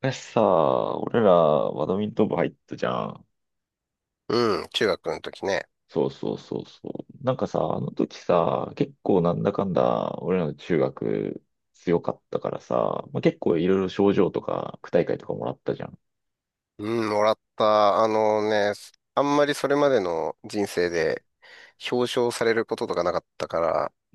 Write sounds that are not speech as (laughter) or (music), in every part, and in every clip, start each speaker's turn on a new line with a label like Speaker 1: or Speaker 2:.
Speaker 1: 昔さ、俺らバドミントン部入ったじゃん。
Speaker 2: うん、中学の時ね。
Speaker 1: そうそうそうそう。なんかさ、あの時さ、結構なんだかんだ俺らの中学強かったからさ、まあ、結構いろいろ賞状とか区大会とかもらったじゃん。
Speaker 2: うん、もらった。あんまりそれまでの人生で表彰されることとかなかったか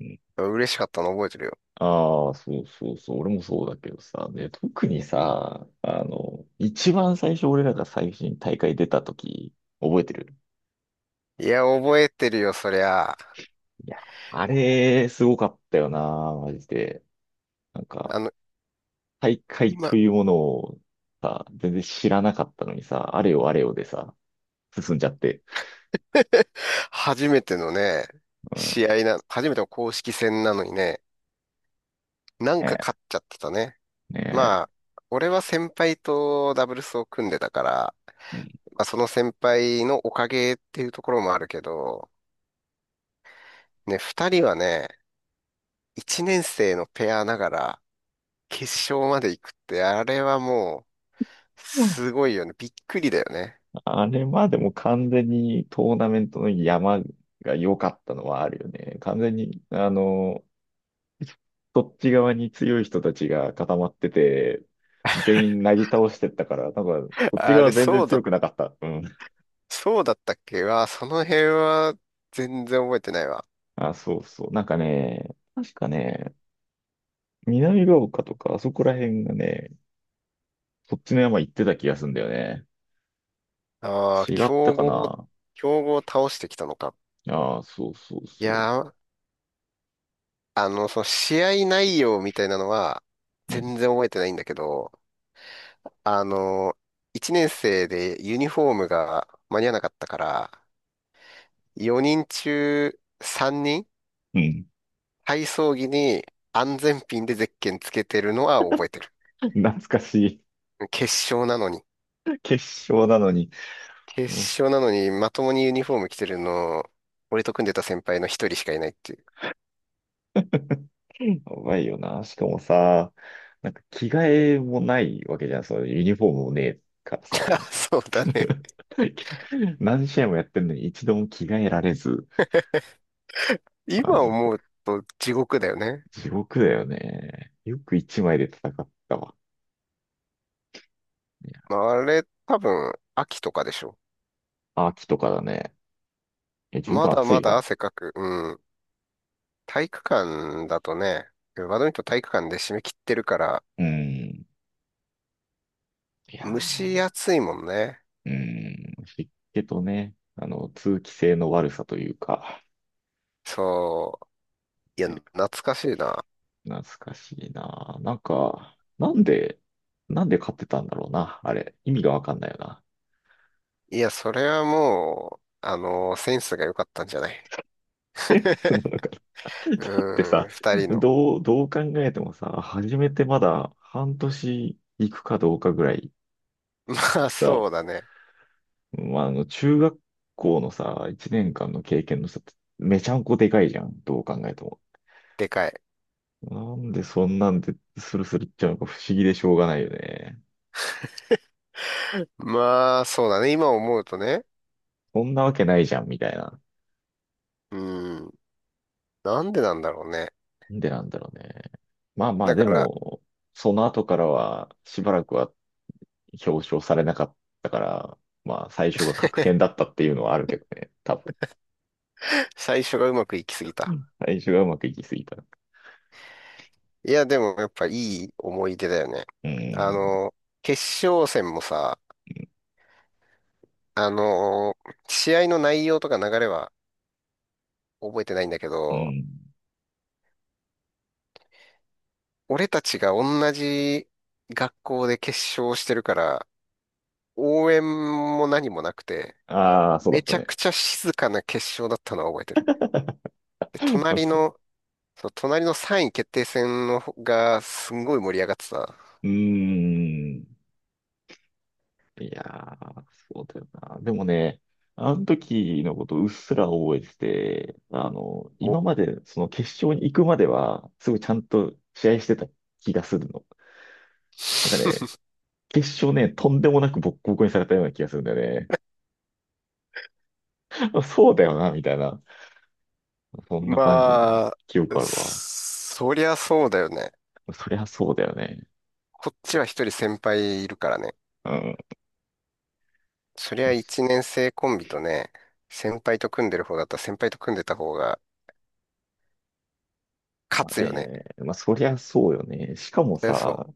Speaker 1: うん。
Speaker 2: ら、嬉しかったの覚えてるよ。
Speaker 1: ああ、そうそうそう。俺もそうだけどさ、ね、特にさ、あの、一番最初俺らが最初に大会出た時、覚えてる？
Speaker 2: いや、覚えてるよ、そりゃ。
Speaker 1: いや、あれ、すごかったよな、マジで。なんか、
Speaker 2: あの、
Speaker 1: 大会
Speaker 2: 今、
Speaker 1: というものをさ、全然知らなかったのにさ、あれよあれよでさ、進んじゃって。
Speaker 2: 初めてのね、
Speaker 1: うん、
Speaker 2: 試合な、初めての公式戦なのにね、なんか
Speaker 1: ね
Speaker 2: 勝っちゃってたね。
Speaker 1: え、ね
Speaker 2: まあ、俺は先輩とダブルスを組んでたから、
Speaker 1: え。
Speaker 2: まあ、その先輩のおかげっていうところもあるけど、ね、二人はね、一年生のペアながら決勝まで行くって、あれはもう、
Speaker 1: うん、
Speaker 2: すごいよね。びっくりだよね。
Speaker 1: あれまでも完全にトーナメントの山が良かったのはあるよね。完全に、あの、そっち側に強い人たちが固まってて、全員なぎ倒してったから、なんか、
Speaker 2: (laughs)
Speaker 1: こっち
Speaker 2: あ
Speaker 1: 側
Speaker 2: れ、
Speaker 1: 全然
Speaker 2: そうだ、
Speaker 1: 強くなかった。うん。
Speaker 2: そうだったっけは、その辺は全然覚えてないわ。
Speaker 1: あ、そうそう。なんかね、確かね、南ヶ丘とか、あそこら辺がね、そっちの山行ってた気がするんだよね。
Speaker 2: ああ、
Speaker 1: 違ったかな？
Speaker 2: 強豪を倒してきたのか。
Speaker 1: ああ、そうそう
Speaker 2: い
Speaker 1: そ
Speaker 2: やー、その試合内容みたいなのは、
Speaker 1: う。うん。
Speaker 2: 全然覚えてないんだけど、あの、一年生でユニフォームが間に合わなかったから、4人中3人
Speaker 1: うん。
Speaker 2: 体操着に安全ピンでゼッケンつけてるのは覚えてる。
Speaker 1: 懐かしい。
Speaker 2: 決勝なのに。
Speaker 1: 決勝なのに。
Speaker 2: 決
Speaker 1: もうし、
Speaker 2: 勝なのに、まともにユニフォーム着てるの、俺と組んでた先輩の一人しかいないっていう。
Speaker 1: やばいよな。しかもさ、なんか着替えもないわけじゃん。そのユニフォームもねえから
Speaker 2: (laughs) あ、
Speaker 1: さ。
Speaker 2: そうだね。
Speaker 1: (laughs) 何試合もやってんのに一度も着替えられず。マ
Speaker 2: 今
Speaker 1: ジ、
Speaker 2: 思うと地獄だよね。
Speaker 1: 地獄だよね。よく一枚で戦ったわ。いや。
Speaker 2: まああれ、多分、秋とかでしょ。
Speaker 1: 秋とかだね。え、十
Speaker 2: ま
Speaker 1: 分
Speaker 2: だ
Speaker 1: 暑
Speaker 2: ま
Speaker 1: い
Speaker 2: だ
Speaker 1: な。
Speaker 2: 汗かく。うん。体育館だとね、バドミントン体育館で締め切ってるから、
Speaker 1: うん。いや
Speaker 2: 蒸し
Speaker 1: ー。
Speaker 2: 暑いもんね。
Speaker 1: うん、湿気とね、あの、通気性の悪さというか、
Speaker 2: そう。いや、
Speaker 1: え。
Speaker 2: 懐かしいな。
Speaker 1: 懐かしいな。なんか、なんで買ってたんだろうな、あれ。意味がわかんないよな。
Speaker 2: いや、それはもう、センスが良かったんじゃない。
Speaker 1: (laughs) え、その、なんか、だ
Speaker 2: (laughs)
Speaker 1: って
Speaker 2: うん、
Speaker 1: さ、
Speaker 2: 二人の。
Speaker 1: どう考えてもさ、初めてまだ半年行くかどうかぐらい
Speaker 2: (laughs) まあ、
Speaker 1: さ、
Speaker 2: そうだね。
Speaker 1: まあ、あの、中学校のさ、1年間の経験のさ、めちゃんこでかいじゃん、どう考えても。
Speaker 2: でかい。
Speaker 1: なんでそんなんでスルスルいっちゃうのか不思議でしょうがないよね。
Speaker 2: まあ、そうだね。今思うとね。
Speaker 1: そんなわけないじゃん、みたいな。
Speaker 2: うん、なんでなんだろうね。
Speaker 1: なんでなんだろうね。まあまあ、
Speaker 2: だ
Speaker 1: で
Speaker 2: から、
Speaker 1: も、その後からは、しばらくは表彰されなかったから、まあ、最初が確変
Speaker 2: (laughs)
Speaker 1: だったっていうのはあるけどね、多分。
Speaker 2: 最初がうまくいきすぎ
Speaker 1: う
Speaker 2: た。
Speaker 1: ん。最初がうまくいきすぎた。う
Speaker 2: いや、でもやっぱいい思い出だよね。
Speaker 1: ー
Speaker 2: あ
Speaker 1: ん、
Speaker 2: の、決勝戦もさ、あの、試合の内容とか流れは覚えてないんだけ
Speaker 1: う
Speaker 2: ど、
Speaker 1: ん。
Speaker 2: 俺たちが同じ学校で決勝してるから、応援も何もなくて、
Speaker 1: ああ、そうだ
Speaker 2: め
Speaker 1: った
Speaker 2: ちゃ
Speaker 1: ね。
Speaker 2: くちゃ静かな決勝だったのは覚えてる。で、
Speaker 1: (laughs)
Speaker 2: 隣の、そう隣の3位決定戦の方がすんごい盛り上がってた。
Speaker 1: うーん。いやー、そうだよな。でもね、あの時のことうっすら覚えてて、あの、
Speaker 2: お。
Speaker 1: 今までその決勝に行くまでは、すごいちゃんと試合してた気がするの。なんかね、
Speaker 2: (laughs)
Speaker 1: 決勝ね、とんでもなくボッコボコにされたような気がするんだよね。(laughs) あ、そうだよな、みたいな。そんな感じ、
Speaker 2: まあ、
Speaker 1: 記憶あるわ。
Speaker 2: そりゃそうだよね。
Speaker 1: そりゃそうだよね。
Speaker 2: こっちは一人先輩いるからね。
Speaker 1: うん。
Speaker 2: そりゃ一年生コンビとね、先輩と組んでる方だったら先輩と組んでた方が勝
Speaker 1: まあ
Speaker 2: つよね。
Speaker 1: ね、まあそりゃそうよね。しかも
Speaker 2: そりゃそ
Speaker 1: さ、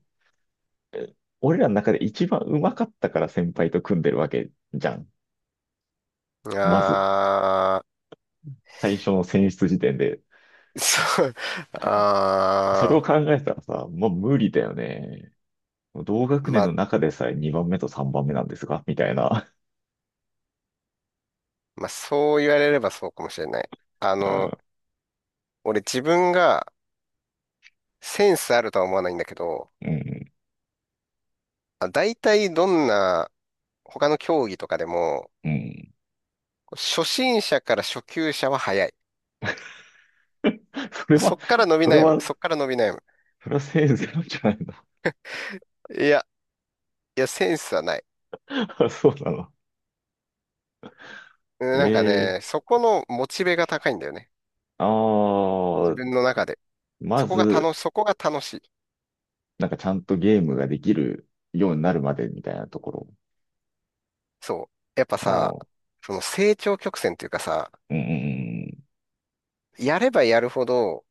Speaker 1: え、俺らの中で一番上手かったから先輩と組んでるわけじゃん。
Speaker 2: う。
Speaker 1: まず。
Speaker 2: あ
Speaker 1: 最初の選出時点で。
Speaker 2: ー、そう、
Speaker 1: それを
Speaker 2: あ
Speaker 1: 考えたらさ、もう無理だよね。同
Speaker 2: ー、
Speaker 1: 学年
Speaker 2: ま
Speaker 1: の
Speaker 2: あ、
Speaker 1: 中でさえ2番目と3番目なんですが、みたいな。
Speaker 2: まあ、そう言われればそうかもしれない。あ
Speaker 1: うん、
Speaker 2: の、俺自分がセンスあるとは思わないんだけど、
Speaker 1: うん、
Speaker 2: あ、大体どんな他の競技とかでも、
Speaker 1: うん。
Speaker 2: 初心者から初級者は早い。
Speaker 1: それは、それは、
Speaker 2: そっから伸び悩む。
Speaker 1: それはせいぜいなんじゃない
Speaker 2: いや、いや、センスはない。
Speaker 1: の？ (laughs) そうなの。
Speaker 2: うん、なんか
Speaker 1: え
Speaker 2: ね、
Speaker 1: え。
Speaker 2: そこのモチベが高いんだよね。
Speaker 1: あ
Speaker 2: 自
Speaker 1: あー、
Speaker 2: 分の中で。
Speaker 1: まず、
Speaker 2: そこが楽しい。
Speaker 1: なんかちゃんとゲームができるようになるまでみたいなところ。
Speaker 2: そう。やっぱ
Speaker 1: あ
Speaker 2: さ、
Speaker 1: あ、
Speaker 2: その成長曲線っていうかさ、
Speaker 1: うん、うん、
Speaker 2: やればやるほど、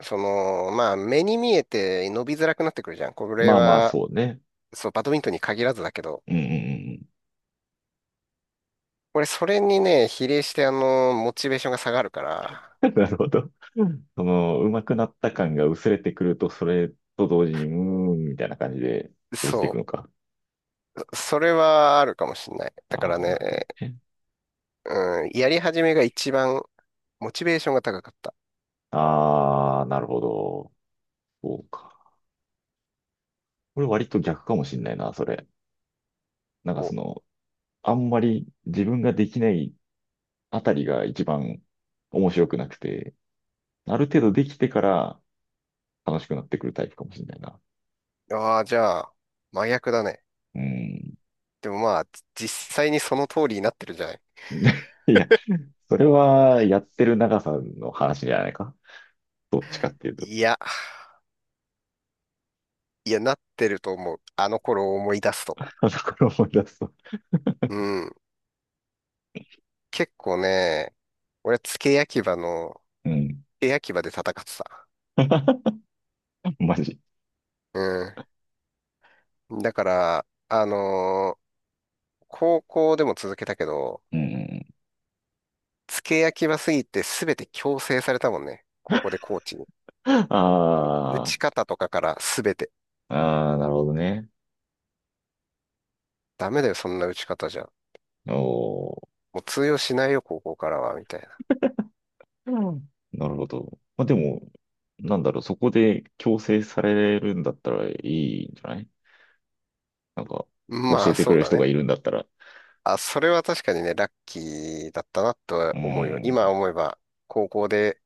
Speaker 2: まあ、目に見えて伸びづらくなってくるじゃん。こ
Speaker 1: うん。
Speaker 2: れ
Speaker 1: まあまあ、
Speaker 2: は、
Speaker 1: そうね。
Speaker 2: そう、バドミントンに限らずだけど、
Speaker 1: うん、うん、うん。
Speaker 2: 俺、それにね、比例して、モチベーションが下がるから、
Speaker 1: (laughs) なるほど。その、上手くなった感が薄れてくると、それと同時に、うーん、みたいな感じで落
Speaker 2: そ
Speaker 1: ちていくのか。
Speaker 2: う、それはあるかもしんない。だから
Speaker 1: ああ、
Speaker 2: ね、
Speaker 1: なるほどね。
Speaker 2: うん、やり始めが一番、モチベーションが高かった。
Speaker 1: ああ、なるほど。そうか。これ割と逆かもしんないな、それ。なんか
Speaker 2: お、
Speaker 1: その、あんまり自分ができないあたりが一番面白くなくて、ある程度できてから楽しくなってくるタイプかもしんないな。
Speaker 2: ああ、じゃあ、真逆だね。
Speaker 1: うん。
Speaker 2: でもまあ、実際にその通りになってるじゃない。
Speaker 1: (laughs) いや、それはやってる長さの話じゃないか。どっちかっていうと。
Speaker 2: いや、いや、なってると思う。あの頃を思い出すと。
Speaker 1: あ、だから思い出すと。
Speaker 2: うん。結構ね、俺、付け焼き場の
Speaker 1: うん。
Speaker 2: エアキバで戦ってた。
Speaker 1: (laughs) マジ。
Speaker 2: うん。だから、高校でも続けたけど、
Speaker 1: うん。
Speaker 2: 付け焼き場すぎて全て強制されたもんね。高校でコーチに。
Speaker 1: あ
Speaker 2: 打
Speaker 1: あ、
Speaker 2: ち方とかから全て。
Speaker 1: ああ、なるほどね。
Speaker 2: ダメだよ、そんな打ち方じゃ。
Speaker 1: おお、
Speaker 2: もう通用しないよ、高校からは、みたい
Speaker 1: うん。なるほど。まあ、でも、なんだろう、そこで強制されるんだったらいいんじゃない？なんか、
Speaker 2: な。
Speaker 1: 教
Speaker 2: ま
Speaker 1: え
Speaker 2: あ、
Speaker 1: てく
Speaker 2: そ
Speaker 1: れ
Speaker 2: う
Speaker 1: る
Speaker 2: だ
Speaker 1: 人が
Speaker 2: ね。
Speaker 1: いるんだったら。
Speaker 2: あ、それは確かにね、ラッキーだったなと
Speaker 1: う
Speaker 2: 思うよ。今
Speaker 1: ん、
Speaker 2: 思えば、高校で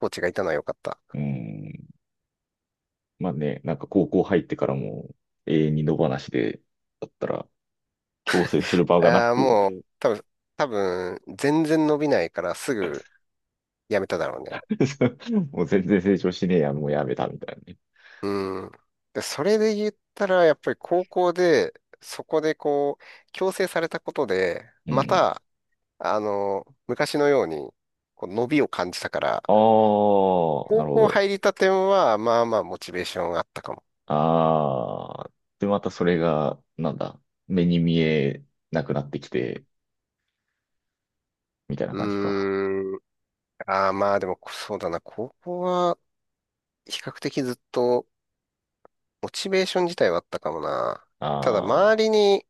Speaker 2: コーチがいたのは良かった。
Speaker 1: うん。まあね、なんか高校入ってからも永遠に野放しで、だったら、強制する場がな
Speaker 2: ああ、
Speaker 1: く
Speaker 2: もう、多分、全然伸びないからすぐ辞めただろうね。
Speaker 1: (laughs) もう全然成長しねえや、もうやめたみたいなね。
Speaker 2: うん。で、それで言ったら、やっぱり高校で、そこでこう、強制されたことで、
Speaker 1: う
Speaker 2: ま
Speaker 1: ん。
Speaker 2: た、昔のように、こう伸びを感じたから、
Speaker 1: ああ、な
Speaker 2: 高
Speaker 1: るほ
Speaker 2: 校
Speaker 1: ど。
Speaker 2: 入りたては、まあまあ、モチベーションがあったかも。
Speaker 1: ああ、で、またそれが、なんだ、目に見えなくなってきて、みたいな
Speaker 2: う
Speaker 1: 感じか。
Speaker 2: ーん。ああ、まあでも、そうだな。高校は、比較的ずっと、モチベーション自体はあったかもな。
Speaker 1: あ
Speaker 2: ただ、
Speaker 1: ー。
Speaker 2: 周りに、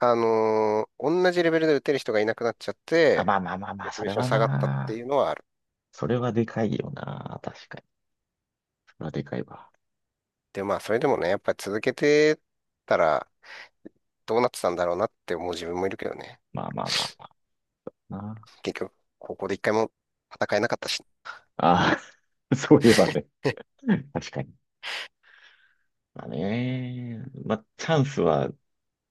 Speaker 2: 同じレベルで打てる人がいなくなっちゃっ
Speaker 1: あ、
Speaker 2: て、
Speaker 1: まあまあまあま
Speaker 2: モ
Speaker 1: あ、
Speaker 2: チ
Speaker 1: そ
Speaker 2: ベー
Speaker 1: れ
Speaker 2: ション
Speaker 1: は
Speaker 2: 下がったって
Speaker 1: な。
Speaker 2: いうのはある。
Speaker 1: それはでかいよな。確かに。それはでかいわ。
Speaker 2: で、まあ、それでもね、やっぱり続けてたらどうなってたんだろうなって思う自分もいるけどね。
Speaker 1: まあまあまあまあな。
Speaker 2: 結局、高校で一回も戦えなかったし。
Speaker 1: ああ、(laughs) そういえばね。
Speaker 2: (laughs)
Speaker 1: 確かに。まあね。まあ、チャンスは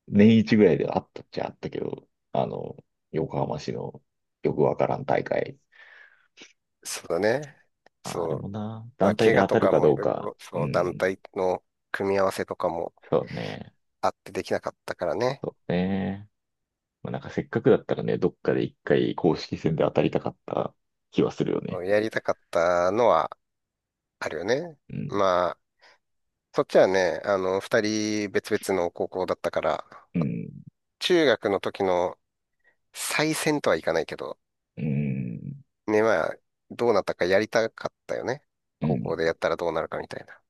Speaker 1: 年一ぐらいではあったっちゃあったけど、あの、横浜市のよくわからん大会。
Speaker 2: そうだね。
Speaker 1: あ、れ
Speaker 2: そう。
Speaker 1: もな、
Speaker 2: まあ、
Speaker 1: 団体
Speaker 2: 怪
Speaker 1: で
Speaker 2: 我
Speaker 1: 当
Speaker 2: と
Speaker 1: たる
Speaker 2: か
Speaker 1: か
Speaker 2: も
Speaker 1: ど
Speaker 2: い
Speaker 1: う
Speaker 2: ろい
Speaker 1: か。
Speaker 2: ろ、
Speaker 1: う
Speaker 2: そう、団
Speaker 1: ん、
Speaker 2: 体の組み合わせとかも
Speaker 1: そうね。
Speaker 2: あってできなかったからね。
Speaker 1: そうね。まあ、なんかせっかくだったらね、どっかで一回公式戦で当たりたかった気はするよ
Speaker 2: そ
Speaker 1: ね。
Speaker 2: うやりたかったのはあるよね。
Speaker 1: うん、
Speaker 2: まあ、そっちはね、二人別々の高校だったから、
Speaker 1: うん、
Speaker 2: 中学の時の再戦とはいかないけど、
Speaker 1: うん、
Speaker 2: ね、まあ、どうなったかやりたかったよね。
Speaker 1: う
Speaker 2: 高
Speaker 1: ん。
Speaker 2: 校でやったらどうなるかみたいな。